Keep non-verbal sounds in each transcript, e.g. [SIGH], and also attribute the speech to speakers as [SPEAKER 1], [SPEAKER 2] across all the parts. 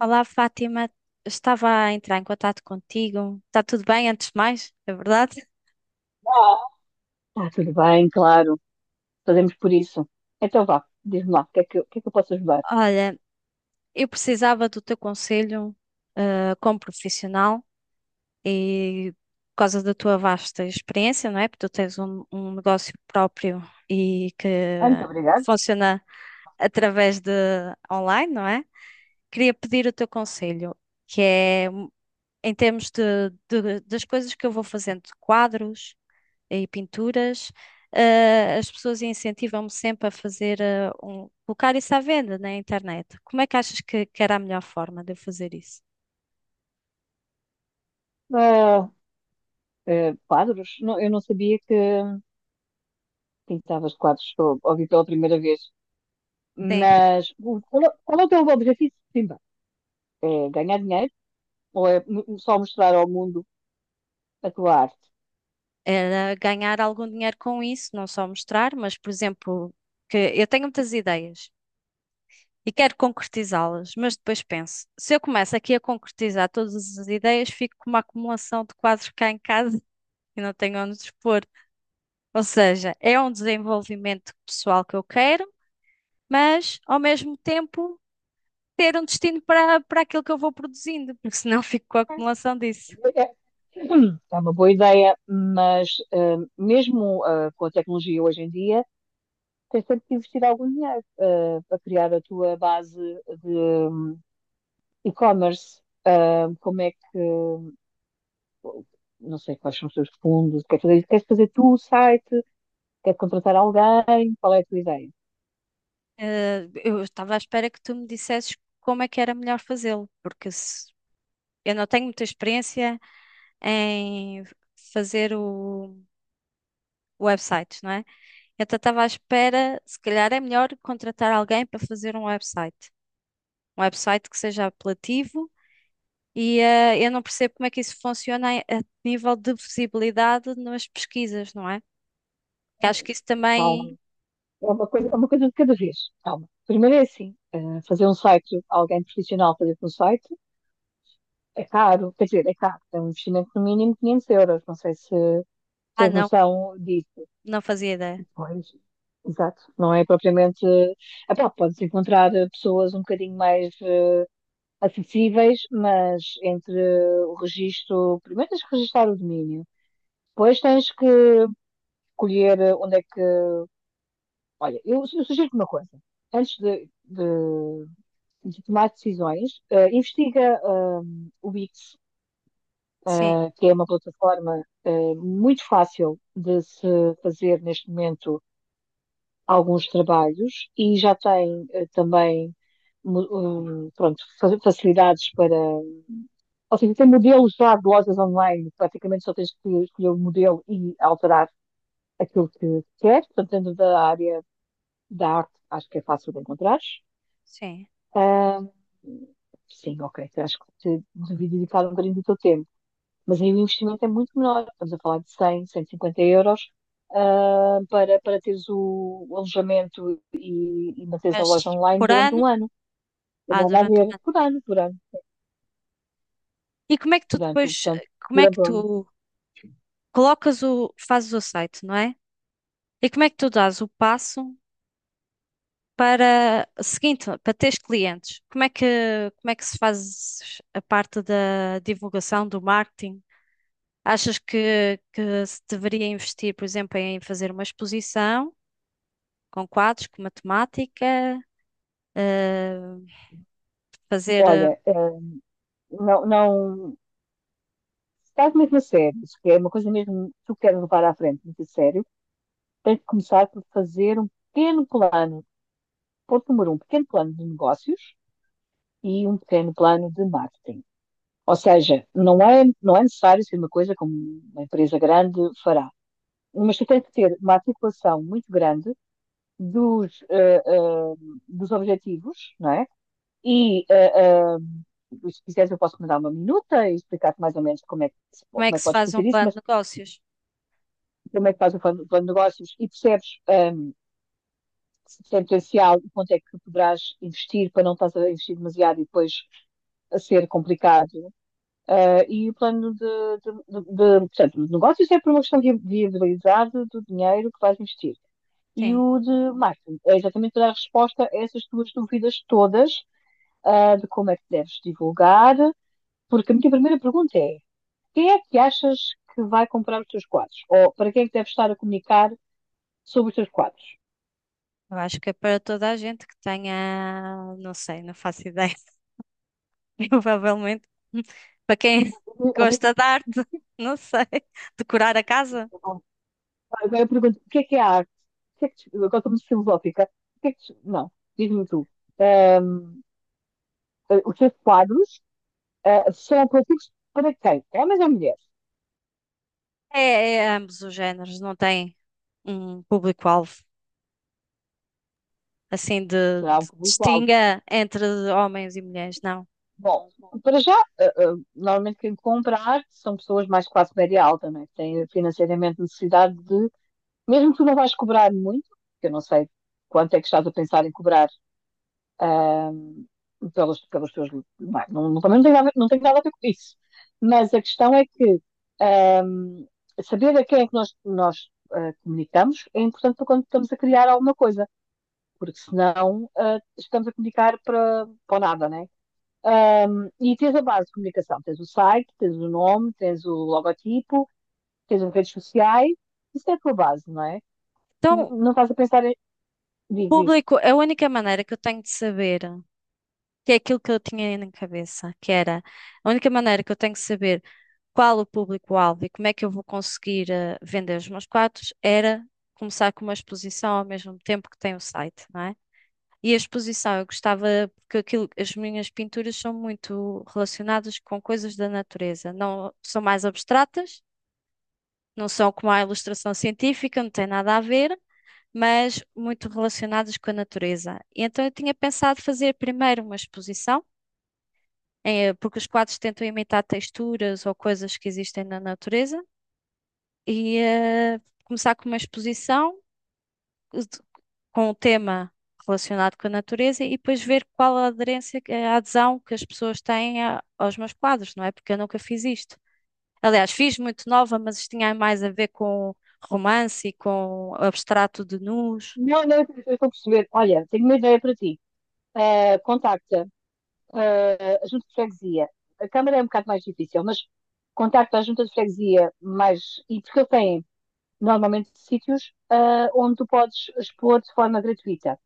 [SPEAKER 1] Olá, Fátima. Estava a entrar em contato contigo. Está tudo bem, antes de mais, é verdade?
[SPEAKER 2] Ah, tá, tudo bem, claro. Fazemos por isso. Então vá, diz-me lá, o que é que, o que é que eu posso ajudar?
[SPEAKER 1] Olha, eu precisava do teu conselho, como profissional e por causa da tua vasta experiência, não é? Porque tu tens um negócio próprio e que
[SPEAKER 2] Ah, muito obrigado.
[SPEAKER 1] funciona através de online, não é? Queria pedir o teu conselho, que é em termos das coisas que eu vou fazendo, de quadros e pinturas. As pessoas incentivam-me sempre a fazer, colocar isso à venda na internet. Como é que achas que era a melhor forma de eu fazer isso?
[SPEAKER 2] Ah, Quadros? Não, eu não sabia que pintavas quadros, só ouvi pela primeira vez.
[SPEAKER 1] Sim,
[SPEAKER 2] Mas qual, qual é o teu objetivo? Sim, bem, é ganhar dinheiro ou é só mostrar ao mundo a tua arte?
[SPEAKER 1] era ganhar algum dinheiro com isso, não só mostrar, mas, por exemplo, que eu tenho muitas ideias e quero concretizá-las, mas depois penso, se eu começo aqui a concretizar todas as ideias, fico com uma acumulação de quadros cá em casa [LAUGHS] e não tenho onde expor. Ou seja, é um desenvolvimento pessoal que eu quero, mas ao mesmo tempo ter um destino para aquilo que eu vou produzindo, porque senão [LAUGHS] fico com a acumulação disso.
[SPEAKER 2] É é uma boa ideia, mas mesmo com a tecnologia hoje em dia, tens sempre que investir algum dinheiro para criar a tua base de e-commerce. Ah, como é que. Não sei quais são os teus fundos, queres fazer tu o site, queres contratar alguém, qual é a tua ideia?
[SPEAKER 1] Eu estava à espera que tu me dissesses como é que era melhor fazê-lo, porque se- eu não tenho muita experiência em fazer o website, não é? Então estava à espera, se calhar é melhor contratar alguém para fazer um website. Um website que seja apelativo e eu não percebo como é que isso funciona a nível de visibilidade nas pesquisas, não é? Que acho que isso também.
[SPEAKER 2] Calma, é uma coisa de cada vez. Calma. Primeiro é assim, ah, fazer um site, alguém profissional fazer-te um site, é caro, quer dizer, é caro, é um investimento no mínimo 500 euros, não sei se
[SPEAKER 1] Ah,
[SPEAKER 2] tens
[SPEAKER 1] não,
[SPEAKER 2] noção disso.
[SPEAKER 1] não fazia ideia.
[SPEAKER 2] Pois, exato. Não é propriamente. Ah, pá, podes encontrar pessoas um bocadinho mais acessíveis, mas entre o registro. Primeiro tens que registrar o domínio, depois tens que escolher eh, onde é que. Olha, eu sugiro-te uma coisa. Antes de tomar decisões, eh, investiga o Wix,
[SPEAKER 1] Sim,
[SPEAKER 2] que é uma plataforma muito fácil de se fazer neste momento alguns trabalhos e já tem também mu- um, pronto, facilidades para. Ou seja, tem modelos já de lojas online, praticamente só tens que escolher o modelo e alterar aquilo que queres, portanto, dentro da área da arte, acho que é fácil de encontrar.
[SPEAKER 1] sim.
[SPEAKER 2] Ah, sim, ok, acho que te devia dedicar um bocadinho do teu tempo. Mas aí o investimento é muito menor. Estamos a falar de 100, 150 euros, ah, para, para teres o alojamento e manteres a
[SPEAKER 1] Mas
[SPEAKER 2] loja online
[SPEAKER 1] por
[SPEAKER 2] durante
[SPEAKER 1] ano?
[SPEAKER 2] um ano. Eu
[SPEAKER 1] Ah,
[SPEAKER 2] não vai
[SPEAKER 1] durante o
[SPEAKER 2] ver
[SPEAKER 1] ano.
[SPEAKER 2] por ano,
[SPEAKER 1] E como é que tu
[SPEAKER 2] durante,
[SPEAKER 1] depois,
[SPEAKER 2] portanto,
[SPEAKER 1] como é que
[SPEAKER 2] durante o ano.
[SPEAKER 1] tu colocas o, fazes o site, não é? E como é que tu dás o passo para seguinte, para teres clientes? Como é que se faz a parte da divulgação, do marketing? Achas que se deveria investir, por exemplo, em fazer uma exposição com quadros, com matemática, eh, fazer, eh,
[SPEAKER 2] Olha, ah, não, não, se estás mesmo a sério, se é uma coisa mesmo que tu queres levar à frente, muito a sério, tens de começar por fazer um pequeno plano, ponto número um, pequeno plano de negócios e um pequeno plano de marketing. Ou seja, não é necessário ser uma coisa como uma empresa grande fará, mas tu tens que ter uma articulação muito grande dos, dos objetivos, não é? E se quiseres eu posso mandar uma minuta e explicar-te mais ou menos
[SPEAKER 1] como
[SPEAKER 2] como
[SPEAKER 1] é
[SPEAKER 2] é
[SPEAKER 1] que
[SPEAKER 2] que
[SPEAKER 1] se
[SPEAKER 2] podes
[SPEAKER 1] faz um
[SPEAKER 2] fazer isso,
[SPEAKER 1] plano de
[SPEAKER 2] mas
[SPEAKER 1] negócios?
[SPEAKER 2] como é que fazes o plano de negócios e percebes um, se tem potencial e quanto é que poderás investir para não estás a investir demasiado e depois a ser complicado. Eh, e o plano portanto, de negócios é por uma questão de viabilidade do dinheiro que vais investir. E
[SPEAKER 1] Sim.
[SPEAKER 2] o de marketing é exatamente para dar resposta a essas tuas dúvidas todas, ah, de como é que deves divulgar, porque a minha primeira pergunta é: quem é que achas que vai comprar os teus quadros? Ou para quem é que deves estar a comunicar sobre os teus quadros?
[SPEAKER 1] Eu acho que é para toda a gente que tenha, não sei, não faço ideia, [LAUGHS] provavelmente. [LAUGHS] Para quem gosta de arte, não sei, decorar a casa.
[SPEAKER 2] Agora eu pergunto: o que é a arte? O que é que te- Agora estou muito filosófica. O que é que te- Não, diz-me tu. Os teus quadros ah, serão atrativos para quem? Homens ou mulheres?
[SPEAKER 1] É, é ambos os géneros, não tem um público-alvo assim
[SPEAKER 2] Será um
[SPEAKER 1] de
[SPEAKER 2] público-alvo?
[SPEAKER 1] distinga entre homens e mulheres, não.
[SPEAKER 2] Bom, para já, ah, ah, normalmente quem comprar são pessoas mais classe média alta, né? Que têm financeiramente necessidade de, mesmo que tu não vais cobrar muito, que eu não sei quanto é que estás a pensar em cobrar pelos, pelos teus livros. Não, é? Não, também não tem, nada, não tem nada a ver com isso. Mas a questão é que ahm, saber a quem é que nós ah, comunicamos é importante para quando estamos a criar alguma coisa. Porque senão estamos a comunicar para, para nada, né? Um, e tens a base de comunicação, tens o site, tens o nome, tens o logotipo, tens as redes sociais, isso é a tua base, não é?
[SPEAKER 1] Então,
[SPEAKER 2] Não estás a pensar em. Diz, diz.
[SPEAKER 1] público, a única maneira que eu tenho de saber, que é aquilo que eu tinha na cabeça, que era a única maneira que eu tenho de saber qual o público-alvo e como é que eu vou conseguir vender os meus quadros, era começar com uma exposição ao mesmo tempo que tem o site, não é? E a exposição, eu gostava, porque aquilo, as minhas pinturas são muito relacionadas com coisas da natureza, não são mais abstratas, não são como a ilustração científica, não tem nada a ver, mas muito relacionadas com a natureza. E então eu tinha pensado fazer primeiro uma exposição, porque os quadros tentam imitar texturas ou coisas que existem na natureza, e começar com uma exposição de- com o tema relacionado com a natureza e depois ver qual a aderência, a adesão que as pessoas têm aos meus quadros, não é? Porque eu nunca fiz isto. Aliás, fiz muito nova, mas isto tinha mais a ver com romance e com abstrato de nus.
[SPEAKER 2] Não, não, eu estou a perceber. Olha, tenho uma ideia para ti. Contacta a Junta de Freguesia. A Câmara é um bocado mais difícil, mas contacta a Junta de Freguesia mais. E porque eu tenho normalmente sítios onde tu podes expor de forma gratuita.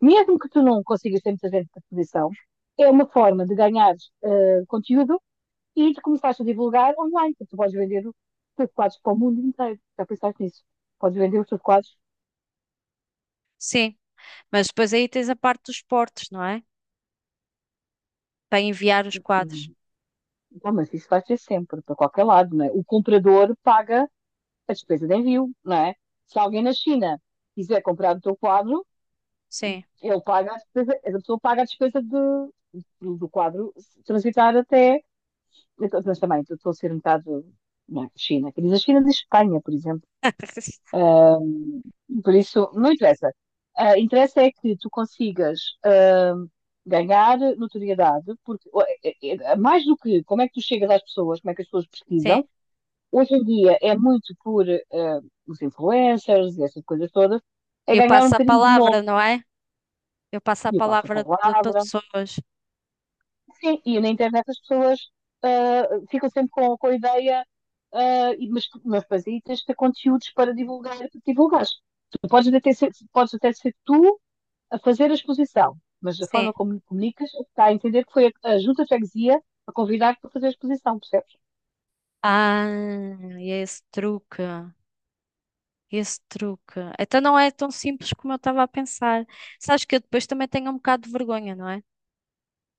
[SPEAKER 2] Mesmo que tu não consigas ter muita gente da posição, é uma forma de ganhar eh, conteúdo e de começares a divulgar online, porque tu podes vender os teus quadros para o mundo inteiro. Já pensaste nisso? Podes vender os teus quadros.
[SPEAKER 1] Sim, mas depois aí tens a parte dos portos, não é? Para enviar os quadros.
[SPEAKER 2] Hum, Bom, mas isso vai ser sempre, para qualquer lado, não é? O comprador paga a despesa de envio, não é? Se alguém na China quiser comprar o teu quadro,
[SPEAKER 1] Sim.
[SPEAKER 2] ele paga a despesa, a pessoa paga a despesa de, do quadro se transitar até. Então, mas também estou a ser um bocado na China. Quem diz a China diz Espanha, por exemplo.
[SPEAKER 1] [LAUGHS]
[SPEAKER 2] Por isso, não interessa. Ah, interessa é que tu consigas ah, ganhar notoriedade, porque ó, mais do que como é que tu chegas às pessoas, como é que as pessoas
[SPEAKER 1] Sim.
[SPEAKER 2] pesquisam, hoje em dia é muito por ah, os influencers e essas coisas todas, é
[SPEAKER 1] Eu
[SPEAKER 2] ganhar um
[SPEAKER 1] passo a
[SPEAKER 2] bocadinho de novo.
[SPEAKER 1] palavra, não é? Eu passo a
[SPEAKER 2] E o passo a
[SPEAKER 1] palavra para
[SPEAKER 2] palavra,
[SPEAKER 1] pessoas.
[SPEAKER 2] sim, e na internet as pessoas ah, ficam sempre com a ideia, mas, mas depois aí tens de ter conteúdos para divulgar, para divulgares. Tu podes até ser tu a fazer a exposição, mas da
[SPEAKER 1] Sim.
[SPEAKER 2] forma como comunicas, está a entender que foi a junta de freguesia a convidar-te para fazer a exposição, percebes?
[SPEAKER 1] Ah, e é esse truque. Esse truque. Então não é tão simples como eu estava a pensar. Sabes que eu depois também tenho um bocado de vergonha, não é?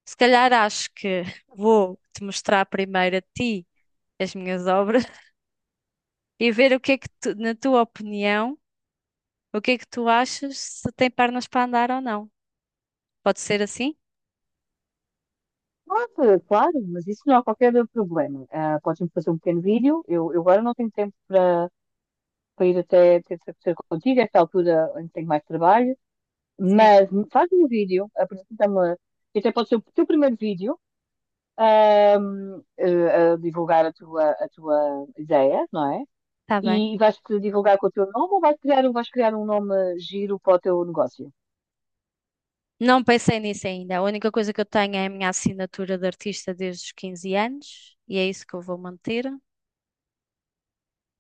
[SPEAKER 1] Se calhar acho que [LAUGHS] vou te mostrar primeiro a ti as minhas obras [LAUGHS] e ver o que é que tu, na tua opinião, o que é que tu achas se tem pernas para andar ou não. Pode ser assim?
[SPEAKER 2] Pode, claro, mas isso não há qualquer problema. Ah, podes-me fazer um pequeno vídeo, eu agora não tenho tempo para, para ir até ter contigo, a esta altura em que tenho mais trabalho.
[SPEAKER 1] Sim,
[SPEAKER 2] Mas faz um vídeo, apresenta-me, que até pode ser o teu primeiro vídeo, eh, a divulgar a tua ideia, não é?
[SPEAKER 1] está bem.
[SPEAKER 2] E vais-te divulgar com o teu nome ou vais criar, vais criar um nome giro para o teu negócio?
[SPEAKER 1] Não pensei nisso ainda. A única coisa que eu tenho é a minha assinatura de artista desde os 15 anos e é isso que eu vou manter.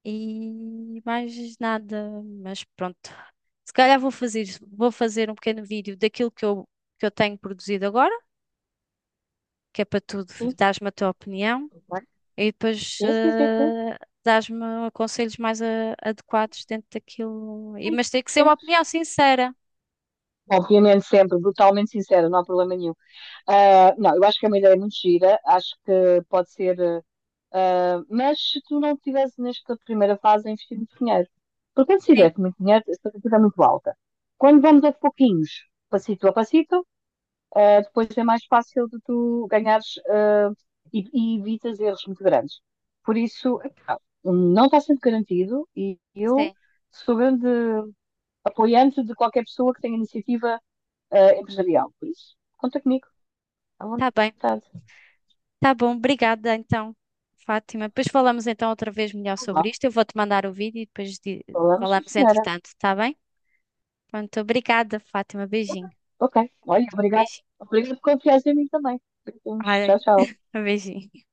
[SPEAKER 1] E mais nada, mas pronto. Se calhar vou fazer um pequeno vídeo daquilo que que eu tenho produzido agora, que é para tu
[SPEAKER 2] Sim,
[SPEAKER 1] dares-me a tua opinião
[SPEAKER 2] ok.
[SPEAKER 1] e depois
[SPEAKER 2] Sim,
[SPEAKER 1] dares-me conselhos mais adequados dentro daquilo. E,
[SPEAKER 2] sim.
[SPEAKER 1] mas tem que ser uma
[SPEAKER 2] Sim.
[SPEAKER 1] opinião sincera.
[SPEAKER 2] Obviamente sempre, brutalmente sincero, não há problema nenhum. Ah, não, eu acho que é uma ideia muito gira, acho que pode ser. Ah, mas se tu não tivesse nesta primeira fase a investir muito dinheiro, porque quando se
[SPEAKER 1] Sim,
[SPEAKER 2] tiver muito dinheiro, a expectativa é muito alta. Quando vamos a pouquinhos, passito a passito, ah, depois é mais fácil de tu ganhares, ah, e evitas erros muito grandes. Por isso, epá, um, não está sempre garantido e eu
[SPEAKER 1] sim.
[SPEAKER 2] sou grande apoiante de qualquer pessoa que tenha iniciativa, ah, empresarial. Por isso, conta comigo, à
[SPEAKER 1] Tá bem.
[SPEAKER 2] vontade.
[SPEAKER 1] Tá bom, obrigada então, Fátima. Depois falamos então outra vez melhor sobre
[SPEAKER 2] Olá,
[SPEAKER 1] isto. Eu vou-te mandar o vídeo e depois
[SPEAKER 2] olá,
[SPEAKER 1] falamos
[SPEAKER 2] senhora.
[SPEAKER 1] entretanto, tá bem? Pronto, obrigada, Fátima. Beijinho.
[SPEAKER 2] Ok, olha, obrigada.
[SPEAKER 1] Beijinho.
[SPEAKER 2] Obrigada por confiar em mim também. Beijinhos,
[SPEAKER 1] Ai,
[SPEAKER 2] tchau, tchau.
[SPEAKER 1] um beijinho.